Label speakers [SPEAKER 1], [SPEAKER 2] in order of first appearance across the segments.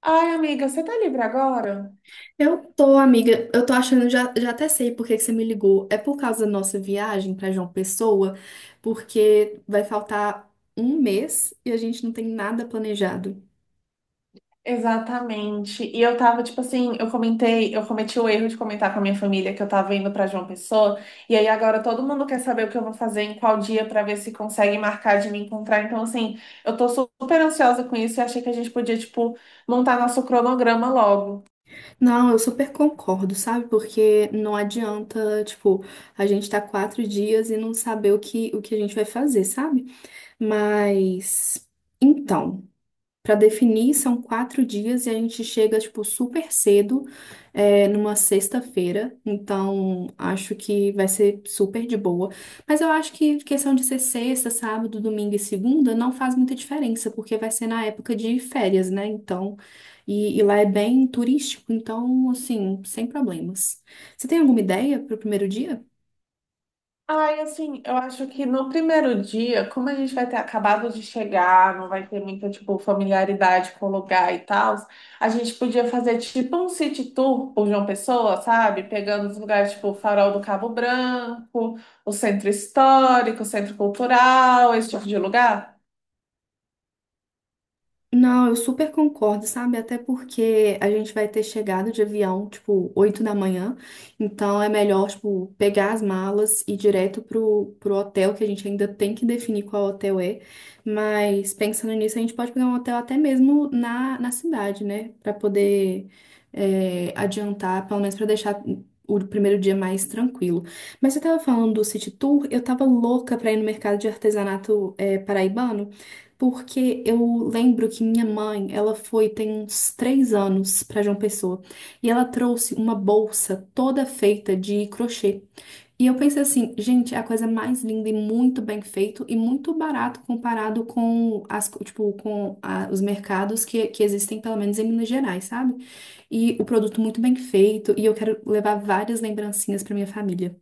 [SPEAKER 1] Ai, amiga, você tá livre agora?
[SPEAKER 2] Eu tô, amiga. Eu tô achando, já até sei por que que você me ligou. É por causa da nossa viagem pra João Pessoa, porque vai faltar um mês e a gente não tem nada planejado.
[SPEAKER 1] Exatamente. E eu tava, tipo assim, eu cometi o erro de comentar com a minha família que eu tava indo pra João Pessoa, e aí agora todo mundo quer saber o que eu vou fazer em qual dia pra ver se consegue marcar de me encontrar. Então, assim, eu tô super ansiosa com isso e achei que a gente podia, tipo, montar nosso cronograma logo.
[SPEAKER 2] Não, eu super concordo, sabe? Porque não adianta, tipo, a gente tá 4 dias e não saber o que a gente vai fazer, sabe? Mas, então. Para definir, são 4 dias e a gente chega, tipo, super cedo, numa sexta-feira. Então, acho que vai ser super de boa. Mas eu acho que questão de ser sexta, sábado, domingo e segunda não faz muita diferença, porque vai ser na época de férias, né? Então, e lá é bem turístico, então, assim, sem problemas. Você tem alguma ideia para o primeiro dia?
[SPEAKER 1] Ai, assim, eu acho que no primeiro dia, como a gente vai ter acabado de chegar, não vai ter muita, tipo, familiaridade com o lugar e tal, a gente podia fazer, tipo, um city tour por João Pessoa, sabe? Pegando os lugares, tipo, o Farol do Cabo Branco, o Centro Histórico, o Centro Cultural, esse tipo de lugar.
[SPEAKER 2] Não, eu super concordo, sabe? Até porque a gente vai ter chegado de avião, tipo, 8 da manhã. Então é melhor, tipo, pegar as malas e ir direto pro hotel, que a gente ainda tem que definir qual hotel é. Mas pensando nisso, a gente pode pegar um hotel até mesmo na cidade, né? Pra poder adiantar, pelo menos pra deixar o primeiro dia mais tranquilo. Mas você tava falando do city tour, eu tava louca pra ir no mercado de artesanato paraibano. Porque eu lembro que minha mãe, ela foi tem uns 3 anos para João Pessoa e ela trouxe uma bolsa toda feita de crochê. E eu pensei assim, gente, é a coisa mais linda e muito bem feito e muito barato comparado com tipo, os mercados que existem, pelo menos em Minas Gerais, sabe? E o produto muito bem feito e eu quero levar várias lembrancinhas para minha família.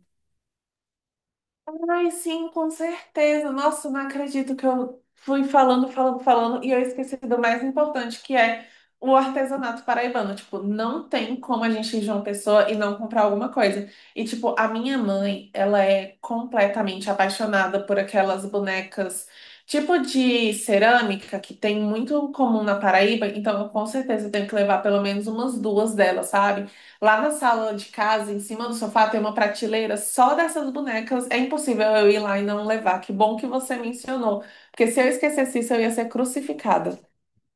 [SPEAKER 1] Ai, sim, com certeza. Nossa, não acredito que eu fui falando, e eu esqueci do mais importante, que é o artesanato paraibano. Tipo, não tem como a gente ir de uma pessoa e não comprar alguma coisa. E, tipo, a minha mãe, ela é completamente apaixonada por aquelas bonecas, tipo de cerâmica, que tem muito comum na Paraíba. Então, eu com certeza tenho que levar pelo menos umas duas delas, sabe? Lá na sala de casa, em cima do sofá, tem uma prateleira só dessas bonecas. É impossível eu ir lá e não levar. Que bom que você mencionou, porque se eu esquecesse isso, eu ia ser crucificada.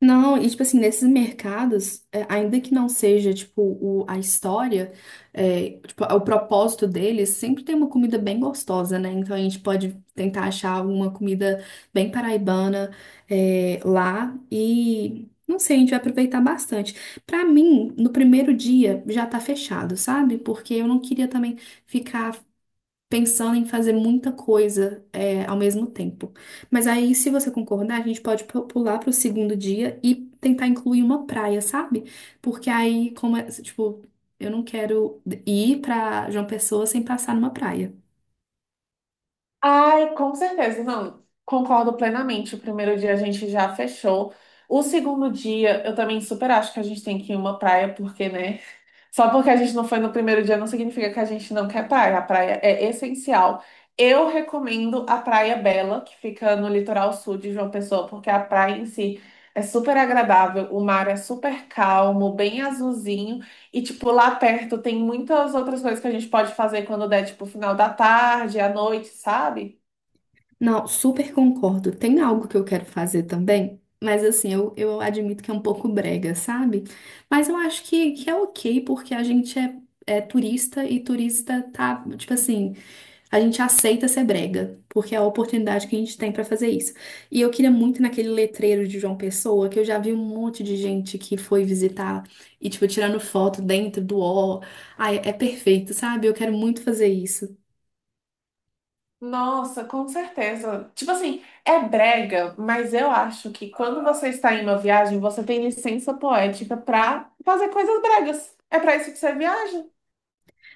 [SPEAKER 2] Não, e tipo assim, nesses mercados, ainda que não seja tipo a história, tipo, o propósito deles, sempre tem uma comida bem gostosa, né? Então a gente pode tentar achar alguma comida bem paraibana, lá e não sei, a gente vai aproveitar bastante. Pra mim, no primeiro dia já tá fechado, sabe? Porque eu não queria também ficar pensando em fazer muita coisa ao mesmo tempo. Mas aí, se você concordar, a gente pode pular para o segundo dia e tentar incluir uma praia, sabe? Porque aí, como é, tipo, eu não quero ir para João Pessoa sem passar numa praia.
[SPEAKER 1] Ai, com certeza, não. Concordo plenamente. O primeiro dia a gente já fechou. O segundo dia, eu também super acho que a gente tem que ir em uma praia, porque, né? Só porque a gente não foi no primeiro dia não significa que a gente não quer praia. A praia é essencial. Eu recomendo a Praia Bela, que fica no litoral sul de João Pessoa, porque a praia em si é super agradável, o mar é super calmo, bem azulzinho, e tipo lá perto tem muitas outras coisas que a gente pode fazer quando der tipo final da tarde, à noite, sabe?
[SPEAKER 2] Não, super concordo. Tem algo que eu quero fazer também, mas assim, eu admito que é um pouco brega, sabe? Mas eu acho que é ok, porque a gente é turista e turista tá, tipo assim, a gente aceita ser brega, porque é a oportunidade que a gente tem pra fazer isso. E eu queria muito naquele letreiro de João Pessoa, que eu já vi um monte de gente que foi visitar e, tipo, tirando foto dentro do ó. Ai, é perfeito, sabe? Eu quero muito fazer isso.
[SPEAKER 1] Nossa, com certeza. Tipo assim, é brega, mas eu acho que quando você está em uma viagem, você tem licença poética pra fazer coisas bregas. É pra isso que você viaja.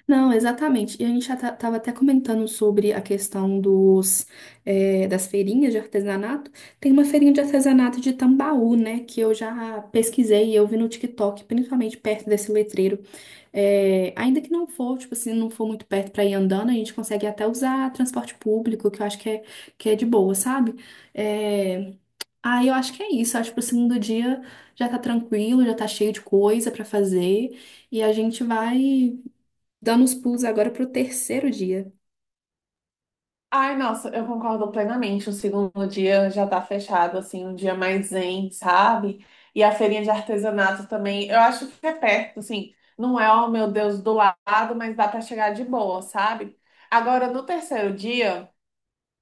[SPEAKER 2] Não, exatamente. E a gente já estava até comentando sobre a questão das feirinhas de artesanato. Tem uma feirinha de artesanato de Tambaú, né? Que eu já pesquisei e eu vi no TikTok, principalmente perto desse letreiro. Ainda que não for, tipo assim, não for muito perto para ir andando, a gente consegue até usar transporte público, que eu acho que é de boa, sabe? Eh, Aí eu acho que é isso. Acho que pro segundo dia já tá tranquilo, já tá cheio de coisa para fazer. E a gente vai dando os pulos agora pro terceiro dia.
[SPEAKER 1] Ai, nossa, eu concordo plenamente. O segundo dia já tá fechado, assim, um dia mais zen, sabe? E a feirinha de artesanato também, eu acho que é perto, assim, não é, oh meu Deus, do lado, mas dá pra chegar de boa, sabe? Agora, no terceiro dia.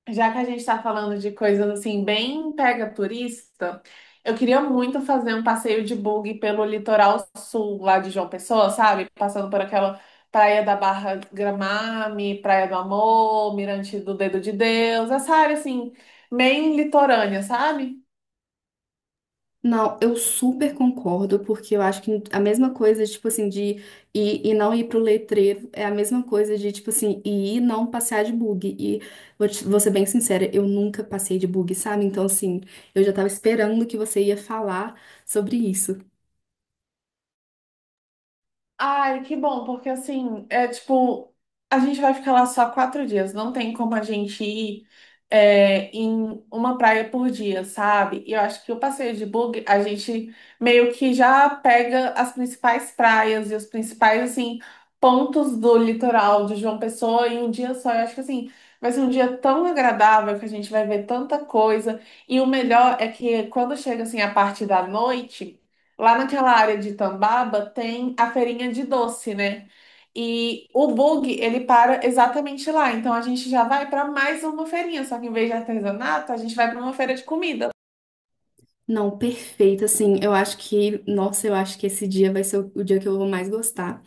[SPEAKER 1] Já que a gente está falando de coisas assim, bem pega turista, eu queria muito fazer um passeio de bug pelo litoral sul lá de João Pessoa, sabe? Passando por aquela Praia da Barra Gramame, Praia do Amor, Mirante do Dedo de Deus, essa área assim, bem litorânea, sabe?
[SPEAKER 2] Não, eu super concordo, porque eu acho que a mesma coisa, tipo assim, de ir e não ir pro letreiro é a mesma coisa de, tipo assim, ir e não passear de bug. E vou ser bem sincera, eu nunca passei de bug, sabe? Então, assim, eu já tava esperando que você ia falar sobre isso.
[SPEAKER 1] Ai, que bom, porque assim, é tipo, a gente vai ficar lá só quatro dias, não tem como a gente ir em uma praia por dia, sabe? E eu acho que o passeio de bug, a gente meio que já pega as principais praias e os principais, assim, pontos do litoral de João Pessoa em um dia só. Eu acho que assim, vai ser um dia tão agradável que a gente vai ver tanta coisa. E o melhor é que quando chega, assim, a parte da noite. Lá naquela área de Tambaba tem a feirinha de doce, né? E o bug, ele para exatamente lá. Então a gente já vai para mais uma feirinha, só que em vez de artesanato, a gente vai para uma feira de comida.
[SPEAKER 2] Não, perfeito, assim, eu acho que, nossa, eu acho que esse dia vai ser o dia que eu vou mais gostar.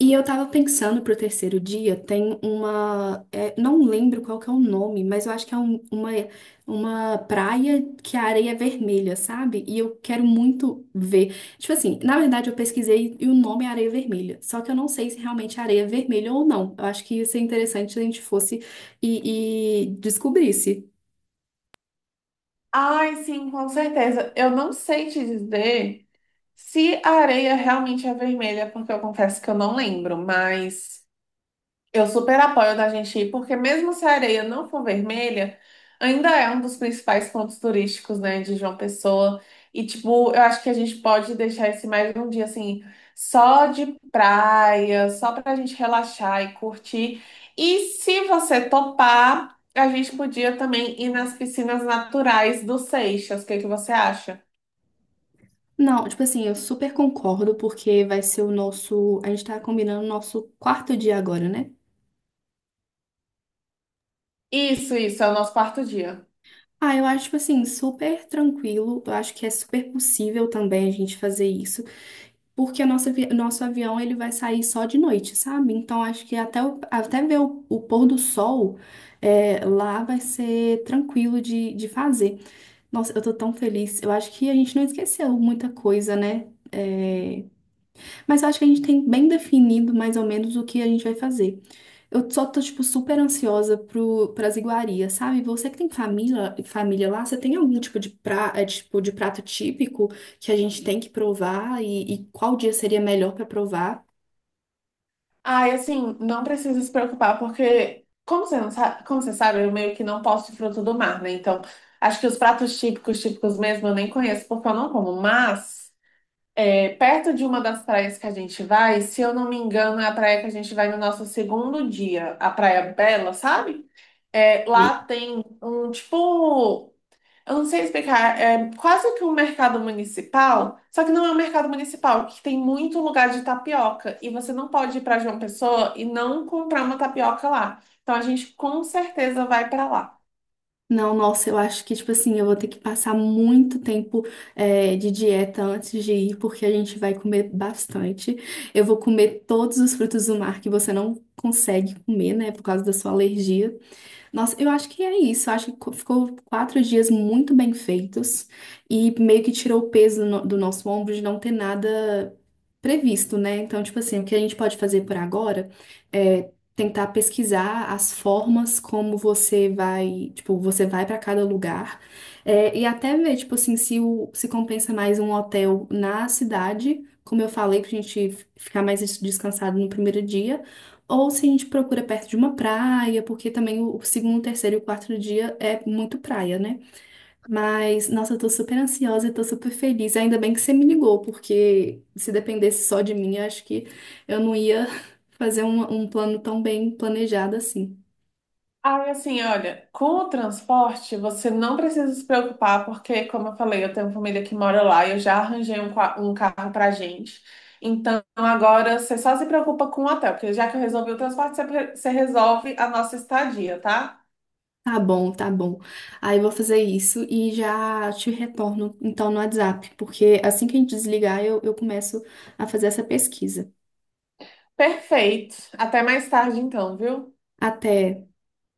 [SPEAKER 2] E eu tava pensando pro terceiro dia, não lembro qual que é o nome, mas eu acho que é uma praia que a areia é vermelha, sabe? E eu quero muito ver. Tipo assim, na verdade eu pesquisei e o nome é areia vermelha. Só que eu não sei se realmente é areia vermelha ou não. Eu acho que ia ser interessante se a gente fosse e descobrisse.
[SPEAKER 1] Ai, sim, com certeza. Eu não sei te dizer se a areia realmente é vermelha, porque eu confesso que eu não lembro, mas eu super apoio da gente ir, porque mesmo se a areia não for vermelha, ainda é um dos principais pontos turísticos, né, de João Pessoa. E, tipo, eu acho que a gente pode deixar esse mais um dia, assim, só de praia, só pra gente relaxar e curtir. E se você topar, a gente podia também ir nas piscinas naturais do Seixas. O que que você acha?
[SPEAKER 2] Não, tipo assim, eu super concordo, porque vai ser o nosso. A gente tá combinando o nosso quarto dia agora, né?
[SPEAKER 1] Isso, é o nosso quarto dia.
[SPEAKER 2] Ah, eu acho, tipo assim, super tranquilo. Eu acho que é super possível também a gente fazer isso, porque nosso avião ele vai sair só de noite, sabe? Então acho que até ver o pôr do sol lá vai ser tranquilo de fazer. Nossa, eu tô tão feliz. Eu acho que a gente não esqueceu muita coisa, né? Mas eu acho que a gente tem bem definido mais ou menos o que a gente vai fazer. Eu só tô, tipo, super ansiosa pras iguarias, sabe? Você que tem família, família lá, você tem algum tipo de prato típico que a gente tem que provar e qual dia seria melhor pra provar?
[SPEAKER 1] Ai, assim, não precisa se preocupar, porque, como você sabe, eu meio que não posso fruto do mar, né? Então, acho que os pratos típicos, típicos mesmo, eu nem conheço, porque eu não como. Mas, perto de uma das praias que a gente vai, se eu não me engano, é a praia que a gente vai no nosso segundo dia, a Praia Bela, sabe? É,
[SPEAKER 2] E-
[SPEAKER 1] lá tem um, tipo, eu não sei explicar, é quase que um mercado municipal, só que não é um mercado municipal, que tem muito lugar de tapioca e você não pode ir para João Pessoa e não comprar uma tapioca lá. Então a gente com certeza vai para lá.
[SPEAKER 2] Não, nossa, eu acho que, tipo assim, eu vou ter que passar muito tempo, de dieta antes de ir, porque a gente vai comer bastante. Eu vou comer todos os frutos do mar que você não consegue comer, né, por causa da sua alergia. Nossa, eu acho que é isso. Eu acho que ficou 4 dias muito bem feitos e meio que tirou o peso do nosso ombro de não ter nada previsto, né? Então, tipo assim, o que a gente pode fazer por agora é tentar pesquisar as formas como você vai para cada lugar e até ver, tipo assim, se compensa mais um hotel na cidade. Como eu falei, pra gente ficar mais descansado no primeiro dia ou se a gente procura perto de uma praia, porque também o segundo, terceiro e o quarto dia é muito praia, né? Mas, nossa, eu tô super ansiosa, eu tô super feliz. Ainda bem que você me ligou, porque se dependesse só de mim, eu acho que eu não ia fazer um plano tão bem planejado assim.
[SPEAKER 1] Aí assim, olha, com o transporte você não precisa se preocupar, porque como eu falei, eu tenho família que mora lá e eu já arranjei um carro pra gente. Então agora você só se preocupa com o hotel, porque já que eu resolvi o transporte, você resolve a nossa estadia, tá?
[SPEAKER 2] Tá bom, tá bom. Aí eu vou fazer isso e já te retorno, então, no WhatsApp, porque assim que a gente desligar, eu começo a fazer essa pesquisa.
[SPEAKER 1] Perfeito. Até mais tarde, então, viu?
[SPEAKER 2] Até.